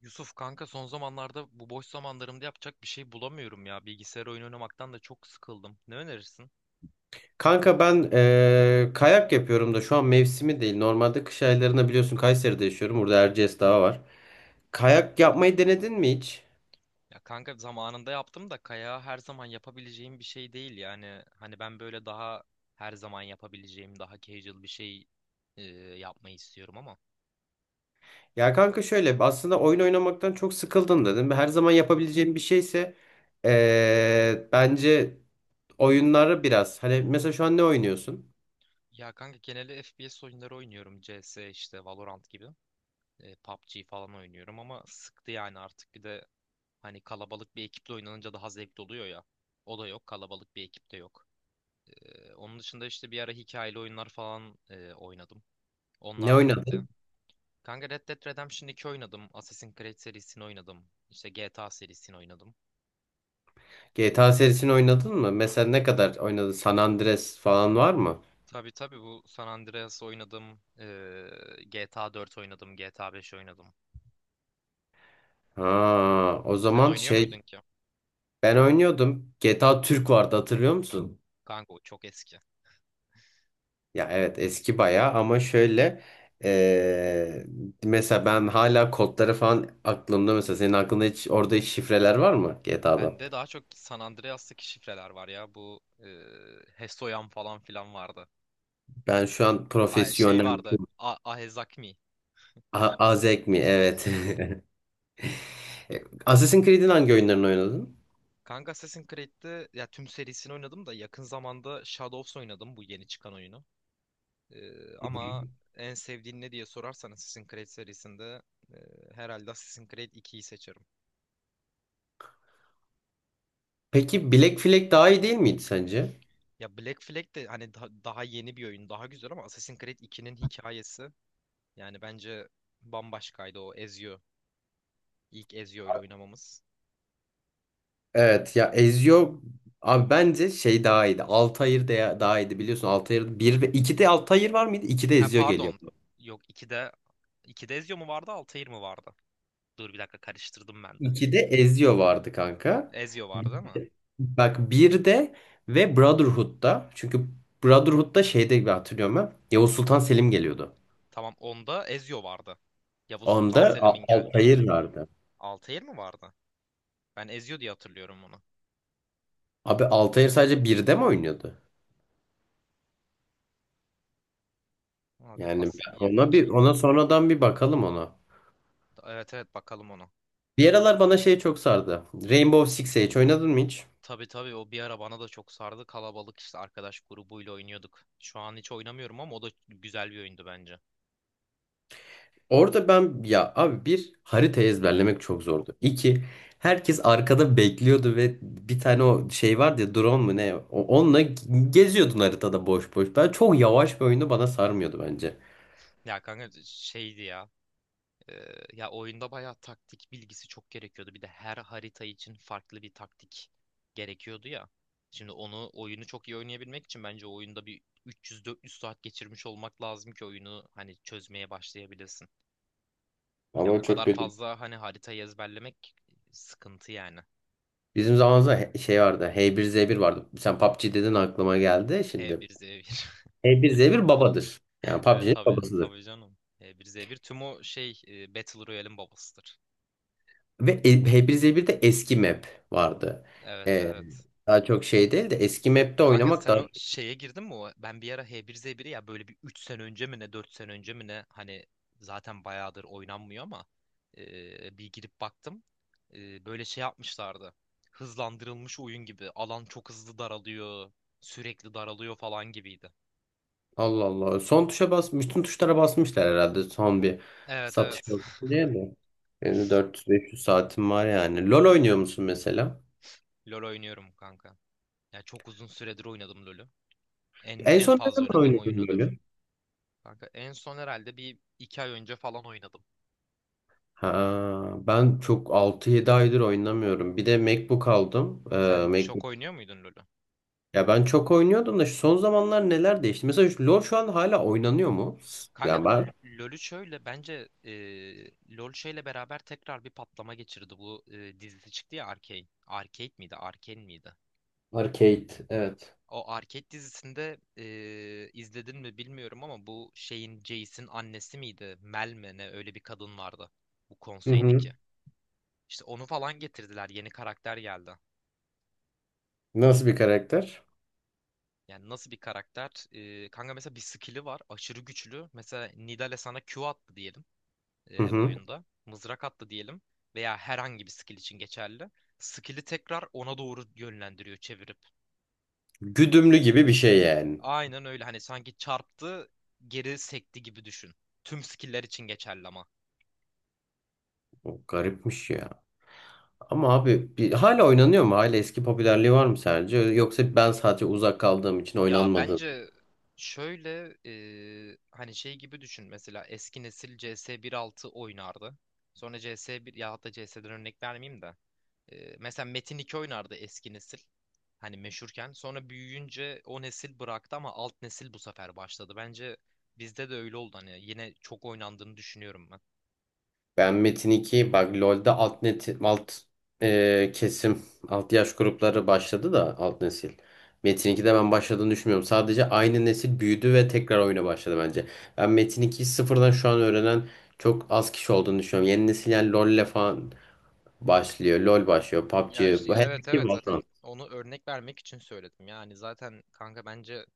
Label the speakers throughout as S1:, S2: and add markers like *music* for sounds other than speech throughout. S1: Yusuf kanka son zamanlarda bu boş zamanlarımda yapacak bir şey bulamıyorum ya. Bilgisayar oyunu oynamaktan da çok sıkıldım. Ne önerirsin?
S2: Kanka ben kayak yapıyorum da şu an mevsimi değil. Normalde kış aylarında biliyorsun Kayseri'de yaşıyorum. Burada Erciyes Dağı var. Kayak yapmayı denedin mi hiç?
S1: Ya kanka zamanında yaptım da kayağı her zaman yapabileceğim bir şey değil yani. Hani ben böyle daha her zaman yapabileceğim daha casual bir şey e, yapmayı istiyorum ama.
S2: Ya kanka şöyle aslında oyun oynamaktan çok sıkıldım dedim. Her zaman yapabileceğim bir şeyse bence oyunları biraz. Hani mesela şu an ne oynuyorsun?
S1: Ya kanka genelde FPS oyunları oynuyorum. CS işte Valorant gibi. PUBG falan oynuyorum ama sıktı yani artık. Bir de hani kalabalık bir ekiple oynanınca daha zevkli oluyor ya. O da yok kalabalık bir ekipte yok. Onun dışında işte bir ara hikayeli oyunlar falan oynadım.
S2: Ne
S1: Onlar da bitti.
S2: oynadın?
S1: Kanka Red Dead Redemption 2 oynadım. Assassin's Creed serisini oynadım. İşte GTA serisini oynadım.
S2: GTA serisini oynadın mı? Mesela ne kadar oynadın? San Andreas falan var mı?
S1: Tabii tabii bu San Andreas oynadım. GTA 4 oynadım. GTA 5 oynadım.
S2: Ha, o
S1: Sen
S2: zaman
S1: oynuyor
S2: şey
S1: muydun ki?
S2: ben oynuyordum. GTA Türk vardı hatırlıyor musun?
S1: Kanka o çok eski.
S2: Ya evet, eski bayağı ama şöyle eee, mesela ben hala kodları falan aklımda, mesela senin aklında hiç orada hiç şifreler var mı GTA'dan?
S1: Bende daha çok San Andreas'taki şifreler var ya. Bu Hesoyan falan filan vardı.
S2: Ben şu an
S1: Ay, şey
S2: profesyonel
S1: vardı. A Ahezakmi.
S2: Azek mi? Evet. *laughs* E, Assassin's Creed'in hangi oyunlarını oynadın?
S1: Kanka Assassin's Creed'de ya tüm serisini oynadım da yakın zamanda Shadows oynadım bu yeni çıkan oyunu. Ama en sevdiğin ne diye sorarsan Assassin's Creed serisinde e, herhalde Assassin's Creed 2'yi seçerim.
S2: Peki Black Flag daha iyi değil miydi sence?
S1: Ya Black Flag de hani daha yeni bir oyun, daha güzel ama Assassin's Creed 2'nin hikayesi yani bence bambaşkaydı o Ezio. İlk Ezio ile oynamamız.
S2: Evet ya, Ezio abi, bence şey daha iyiydi. Altair de daha iyiydi biliyorsun. Altair 1 ve 2'de Altair var mıydı? 2'de
S1: Ha
S2: Ezio
S1: pardon.
S2: geliyordu.
S1: Yok 2'de Ezio mu vardı, Altair mi vardı? Dur bir dakika karıştırdım ben de.
S2: 2'de Ezio vardı kanka.
S1: Ezio vardı değil.
S2: Bak bir de, ve Brotherhood'da çünkü Brotherhood'da şeyde gibi hatırlıyorum ben. Yavuz Sultan Selim geliyordu.
S1: Tamam onda Ezio vardı. Yavuz Sultan
S2: Onda
S1: Selim'in geldiğinde.
S2: Altair vardı.
S1: Altair mi vardı? Ben Ezio diye hatırlıyorum onu.
S2: Abi Altair sadece birde mi oynuyordu?
S1: Abi
S2: Yani
S1: as ya
S2: ona
S1: iki
S2: bir, ona sonradan bir bakalım ona.
S1: evet evet bakalım onu.
S2: Bir aralar bana şey çok sardı. Rainbow Six Siege oynadın mı hiç?
S1: Tabii tabii o bir ara bana da çok sardı. Kalabalık işte arkadaş grubuyla oynuyorduk. Şu an hiç oynamıyorum ama o da güzel bir oyundu bence.
S2: Orada ben ya abi bir harita ezberlemek çok zordu. İki, herkes arkada bekliyordu ve bir tane o şey vardı ya, drone mu ne, onunla geziyordun haritada boş boş. Ben çok yavaş bir oyunu bana sarmıyordu bence.
S1: Ya kanka şeydi ya. Ya oyunda bayağı taktik bilgisi çok gerekiyordu. Bir de her harita için farklı bir taktik gerekiyordu ya. Şimdi onu oyunu çok iyi oynayabilmek için bence oyunda bir 300-400 saat geçirmiş olmak lazım ki oyunu hani çözmeye başlayabilesin. Ya o
S2: Ama çok
S1: kadar
S2: kötü.
S1: fazla hani haritayı ezberlemek sıkıntı yani.
S2: Bizim zamanımızda şey vardı, H1Z1 vardı. Sen PUBG dedin aklıma geldi şimdi.
S1: H1Z1.
S2: H1Z1 babadır. Yani
S1: *laughs* Evet
S2: PUBG'nin
S1: tabii
S2: babasıdır.
S1: tabii canım. H1Z1 tüm o şey Battle Royale'in babasıdır.
S2: Ve H1Z1'de eski map vardı.
S1: Evet
S2: Ee,
S1: evet.
S2: daha çok şey değil de eski map'te
S1: Kanka
S2: oynamak
S1: sen
S2: daha.
S1: o şeye girdin mi? O, ben bir ara H1Z1'i ya böyle bir 3 sene önce mi ne 4 sene önce mi ne hani zaten bayağıdır oynanmıyor ama bir girip baktım. Böyle şey yapmışlardı. Hızlandırılmış oyun gibi. Alan çok hızlı daralıyor. Sürekli daralıyor falan gibiydi.
S2: Allah Allah. Son tuşa basmış. Bütün tuşlara basmışlar herhalde, son bir
S1: Evet
S2: satış
S1: evet. *laughs*
S2: olsun diye mi? Benim de 400-500 saatim var yani. LoL oynuyor musun mesela?
S1: LoL oynuyorum kanka. Ya çok uzun süredir oynadım LoL'ü. En
S2: En
S1: en
S2: son ne
S1: fazla
S2: zaman
S1: oynadığım oyun
S2: oynadın
S1: odur.
S2: LoL'ü?
S1: Kanka en son herhalde bir iki ay önce falan oynadım.
S2: Ha, ben çok altı yedi aydır oynamıyorum. Bir de MacBook aldım.
S1: Sen çok
S2: MacBook.
S1: oynuyor muydun LoL'ü?
S2: Ya ben çok oynuyordum da şu son zamanlar neler değişti? Mesela şu LoL şu an hala oynanıyor mu?
S1: Kanka
S2: Yani ben...
S1: LoL'ü şöyle bence LoL şeyle beraber tekrar bir patlama geçirdi. Bu dizisi çıktı ya Arcane. Arcade miydi? Arcane miydi?
S2: Arcade, evet.
S1: O Arcade dizisinde izledin mi bilmiyorum ama bu şeyin Jace'in annesi miydi? Mel mi ne öyle bir kadın vardı bu
S2: Hı
S1: konseydeki.
S2: hı.
S1: İşte onu falan getirdiler. Yeni karakter geldi.
S2: Nasıl bir karakter?
S1: Yani nasıl bir karakter? Kanka mesela bir skill'i var. Aşırı güçlü. Mesela Nidal'e sana Q attı diyelim.
S2: Hı hı.
S1: Oyunda. Mızrak attı diyelim veya herhangi bir skill için geçerli. Skill'i tekrar ona doğru yönlendiriyor çevirip.
S2: Güdümlü gibi bir şey yani.
S1: Aynen öyle hani sanki çarptı geri sekti gibi düşün. Tüm skill'ler için geçerli ama.
S2: O garipmiş ya. Ama abi bir, hala oynanıyor mu? Hala eski popülerliği var mı sence? Yoksa ben sadece uzak kaldığım için
S1: Ya
S2: oynanmadı.
S1: bence şöyle hani şey gibi düşün mesela eski nesil CS 1.6 oynardı. Sonra CS1 ya hatta CS'den örnek vermeyeyim de. Mesela Metin 2 oynardı eski nesil. Hani meşhurken. Sonra büyüyünce o nesil bıraktı ama alt nesil bu sefer başladı. Bence bizde de öyle oldu. Hani yine çok oynandığını düşünüyorum ben.
S2: Ben Metin 2, bak LoL'de alt net kesim, alt yaş grupları başladı da, alt nesil. Metin 2'de ben başladığını düşünmüyorum. Sadece aynı nesil büyüdü ve tekrar oyuna başladı bence. Ben Metin 2'yi sıfırdan şu an öğrenen çok az kişi olduğunu düşünüyorum. Yeni nesil yani LoL'le falan başlıyor. LoL başlıyor.
S1: Ya
S2: PUBG.
S1: işte
S2: Bu her
S1: evet
S2: şey
S1: evet
S2: var.
S1: zaten onu örnek vermek için söyledim. Yani zaten kanka bence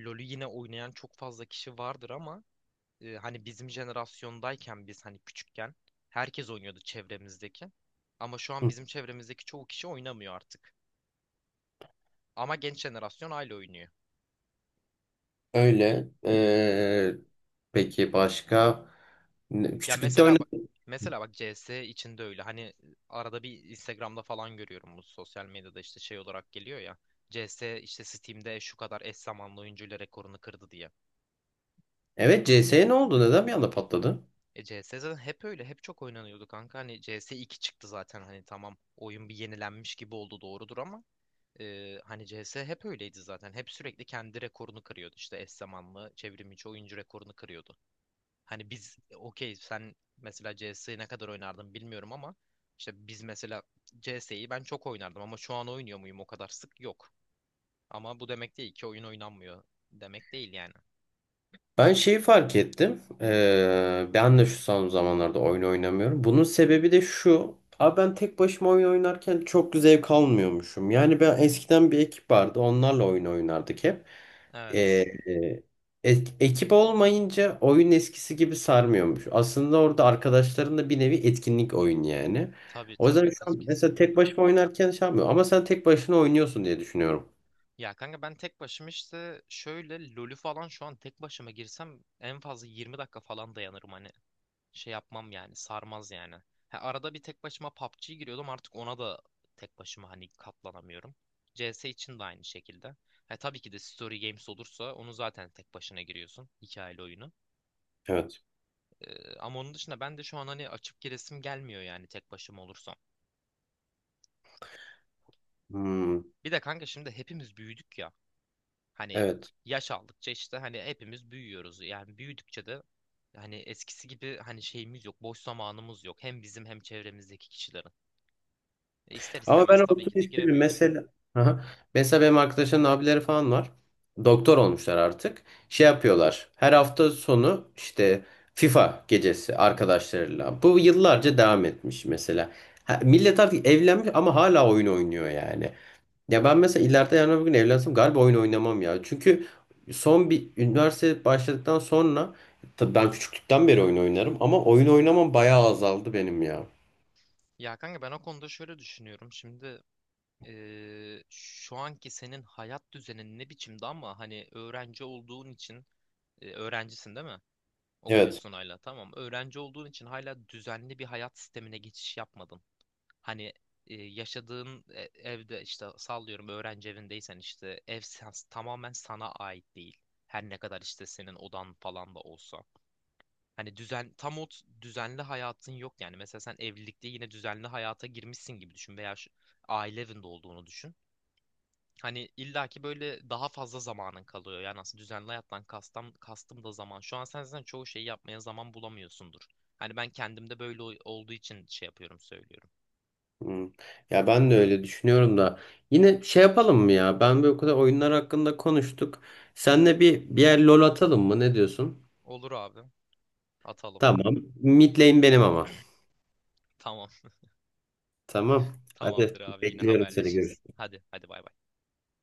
S1: LoL'ü yine oynayan çok fazla kişi vardır ama hani bizim jenerasyondayken biz hani küçükken herkes oynuyordu çevremizdeki. Ama şu an bizim çevremizdeki çoğu kişi oynamıyor artık. Ama genç jenerasyon hala oynuyor.
S2: Öyle. Peki başka?
S1: Ya
S2: Küçüklükte
S1: mesela bak
S2: oynadım.
S1: mesela bak CS içinde öyle. Hani arada bir Instagram'da falan görüyorum bu sosyal medyada işte şey olarak geliyor ya. CS işte Steam'de şu kadar eş zamanlı oyuncuyla rekorunu kırdı diye.
S2: Evet, CS'ye ne oldu? Neden bir anda patladı?
S1: CS zaten hep öyle. Hep çok oynanıyordu kanka. Hani CS 2 çıktı zaten hani tamam. Oyun bir yenilenmiş gibi oldu doğrudur ama hani CS hep öyleydi zaten. Hep sürekli kendi rekorunu kırıyordu. İşte eş zamanlı çevrim içi oyuncu rekorunu kırıyordu. Hani biz okey sen mesela CS'yi ne kadar oynardın bilmiyorum ama işte biz mesela CS'yi ben çok oynardım ama şu an oynuyor muyum o kadar sık yok. Ama bu demek değil ki oyun oynanmıyor demek değil yani.
S2: Ben şeyi fark ettim. Ben de şu son zamanlarda oyun oynamıyorum. Bunun sebebi de şu. Abi ben tek başıma oyun oynarken çok zevk almıyormuşum. Yani ben eskiden bir ekip vardı. Onlarla oyun oynardık hep. Ee,
S1: Evet.
S2: e, ekip olmayınca oyun eskisi gibi sarmıyormuş. Aslında orada arkadaşlarınla bir nevi etkinlik, oyun yani.
S1: Tabii
S2: O
S1: tabii
S2: yüzden şu
S1: kas
S2: an mesela tek
S1: kesinlikle.
S2: başıma oynarken şey yapmıyorum. Ama sen tek başına oynuyorsun diye düşünüyorum.
S1: Ya kanka ben tek başıma işte şöyle LoL'ü falan şu an tek başıma girsem en fazla 20 dakika falan dayanırım hani şey yapmam yani sarmaz yani. Ha, arada bir tek başıma PUBG'ye giriyordum artık ona da tek başıma hani katlanamıyorum. CS için de aynı şekilde. Ha, tabii ki de Story Games olursa onu zaten tek başına giriyorsun hikayeli oyunu.
S2: Evet.
S1: Ama onun dışında ben de şu an hani açıp giresim gelmiyor yani tek başıma olursam.
S2: Hmm,
S1: Bir de kanka şimdi hepimiz büyüdük ya. Hani
S2: evet.
S1: yaş aldıkça işte hani hepimiz büyüyoruz. Yani büyüdükçe de hani eskisi gibi hani şeyimiz yok, boş zamanımız yok. Hem bizim hem çevremizdeki kişilerin. E ister
S2: Ama ben
S1: istemez tabii
S2: olsun
S1: ki de
S2: isterim.
S1: giremiyoruz.
S2: Mesela, aha, mesela benim arkadaşların abileri falan var. Doktor olmuşlar artık. Şey yapıyorlar. Her hafta sonu işte FIFA gecesi arkadaşlarıyla. Bu yıllarca devam etmiş mesela. Ha, millet artık evlenmiş ama hala oyun oynuyor yani. Ya ben mesela ileride yarın öbür gün evlensem galiba oyun oynamam ya. Çünkü son bir üniversite başladıktan sonra, tabii ben küçüklükten beri oyun oynarım ama oyun oynamam bayağı azaldı benim ya.
S1: Ya kanka ben o konuda şöyle düşünüyorum. Şimdi şu anki senin hayat düzenin ne biçimde ama hani öğrenci olduğun için öğrencisin değil mi?
S2: Evet.
S1: Okuyorsun hala tamam. Öğrenci olduğun için hala düzenli bir hayat sistemine geçiş yapmadın. Hani yaşadığın evde işte sallıyorum öğrenci evindeysen işte tamamen sana ait değil. Her ne kadar işte senin odan falan da olsa. Hani düzen tam düzenli hayatın yok yani. Mesela sen evlilikte yine düzenli hayata girmişsin gibi düşün veya şu, aile evinde olduğunu düşün. Hani illaki böyle daha fazla zamanın kalıyor. Yani aslında düzenli hayattan kastım da zaman. Şu an sen zaten çoğu şeyi yapmaya zaman bulamıyorsundur. Hani ben kendimde böyle olduğu için şey yapıyorum söylüyorum.
S2: Hmm. Ya ben de öyle düşünüyorum da yine şey yapalım mı ya? Ben bir o kadar oyunlar hakkında konuştuk. Senle bir yer LoL atalım mı? Ne diyorsun?
S1: Olur abi atalım.
S2: Tamam. Mid lane benim ama.
S1: Tamam.
S2: Tamam. Hadi
S1: Tamamdır abi yine
S2: bekliyorum seni.
S1: haberleşiriz.
S2: Görüşürüz.
S1: Hadi hadi bay bay.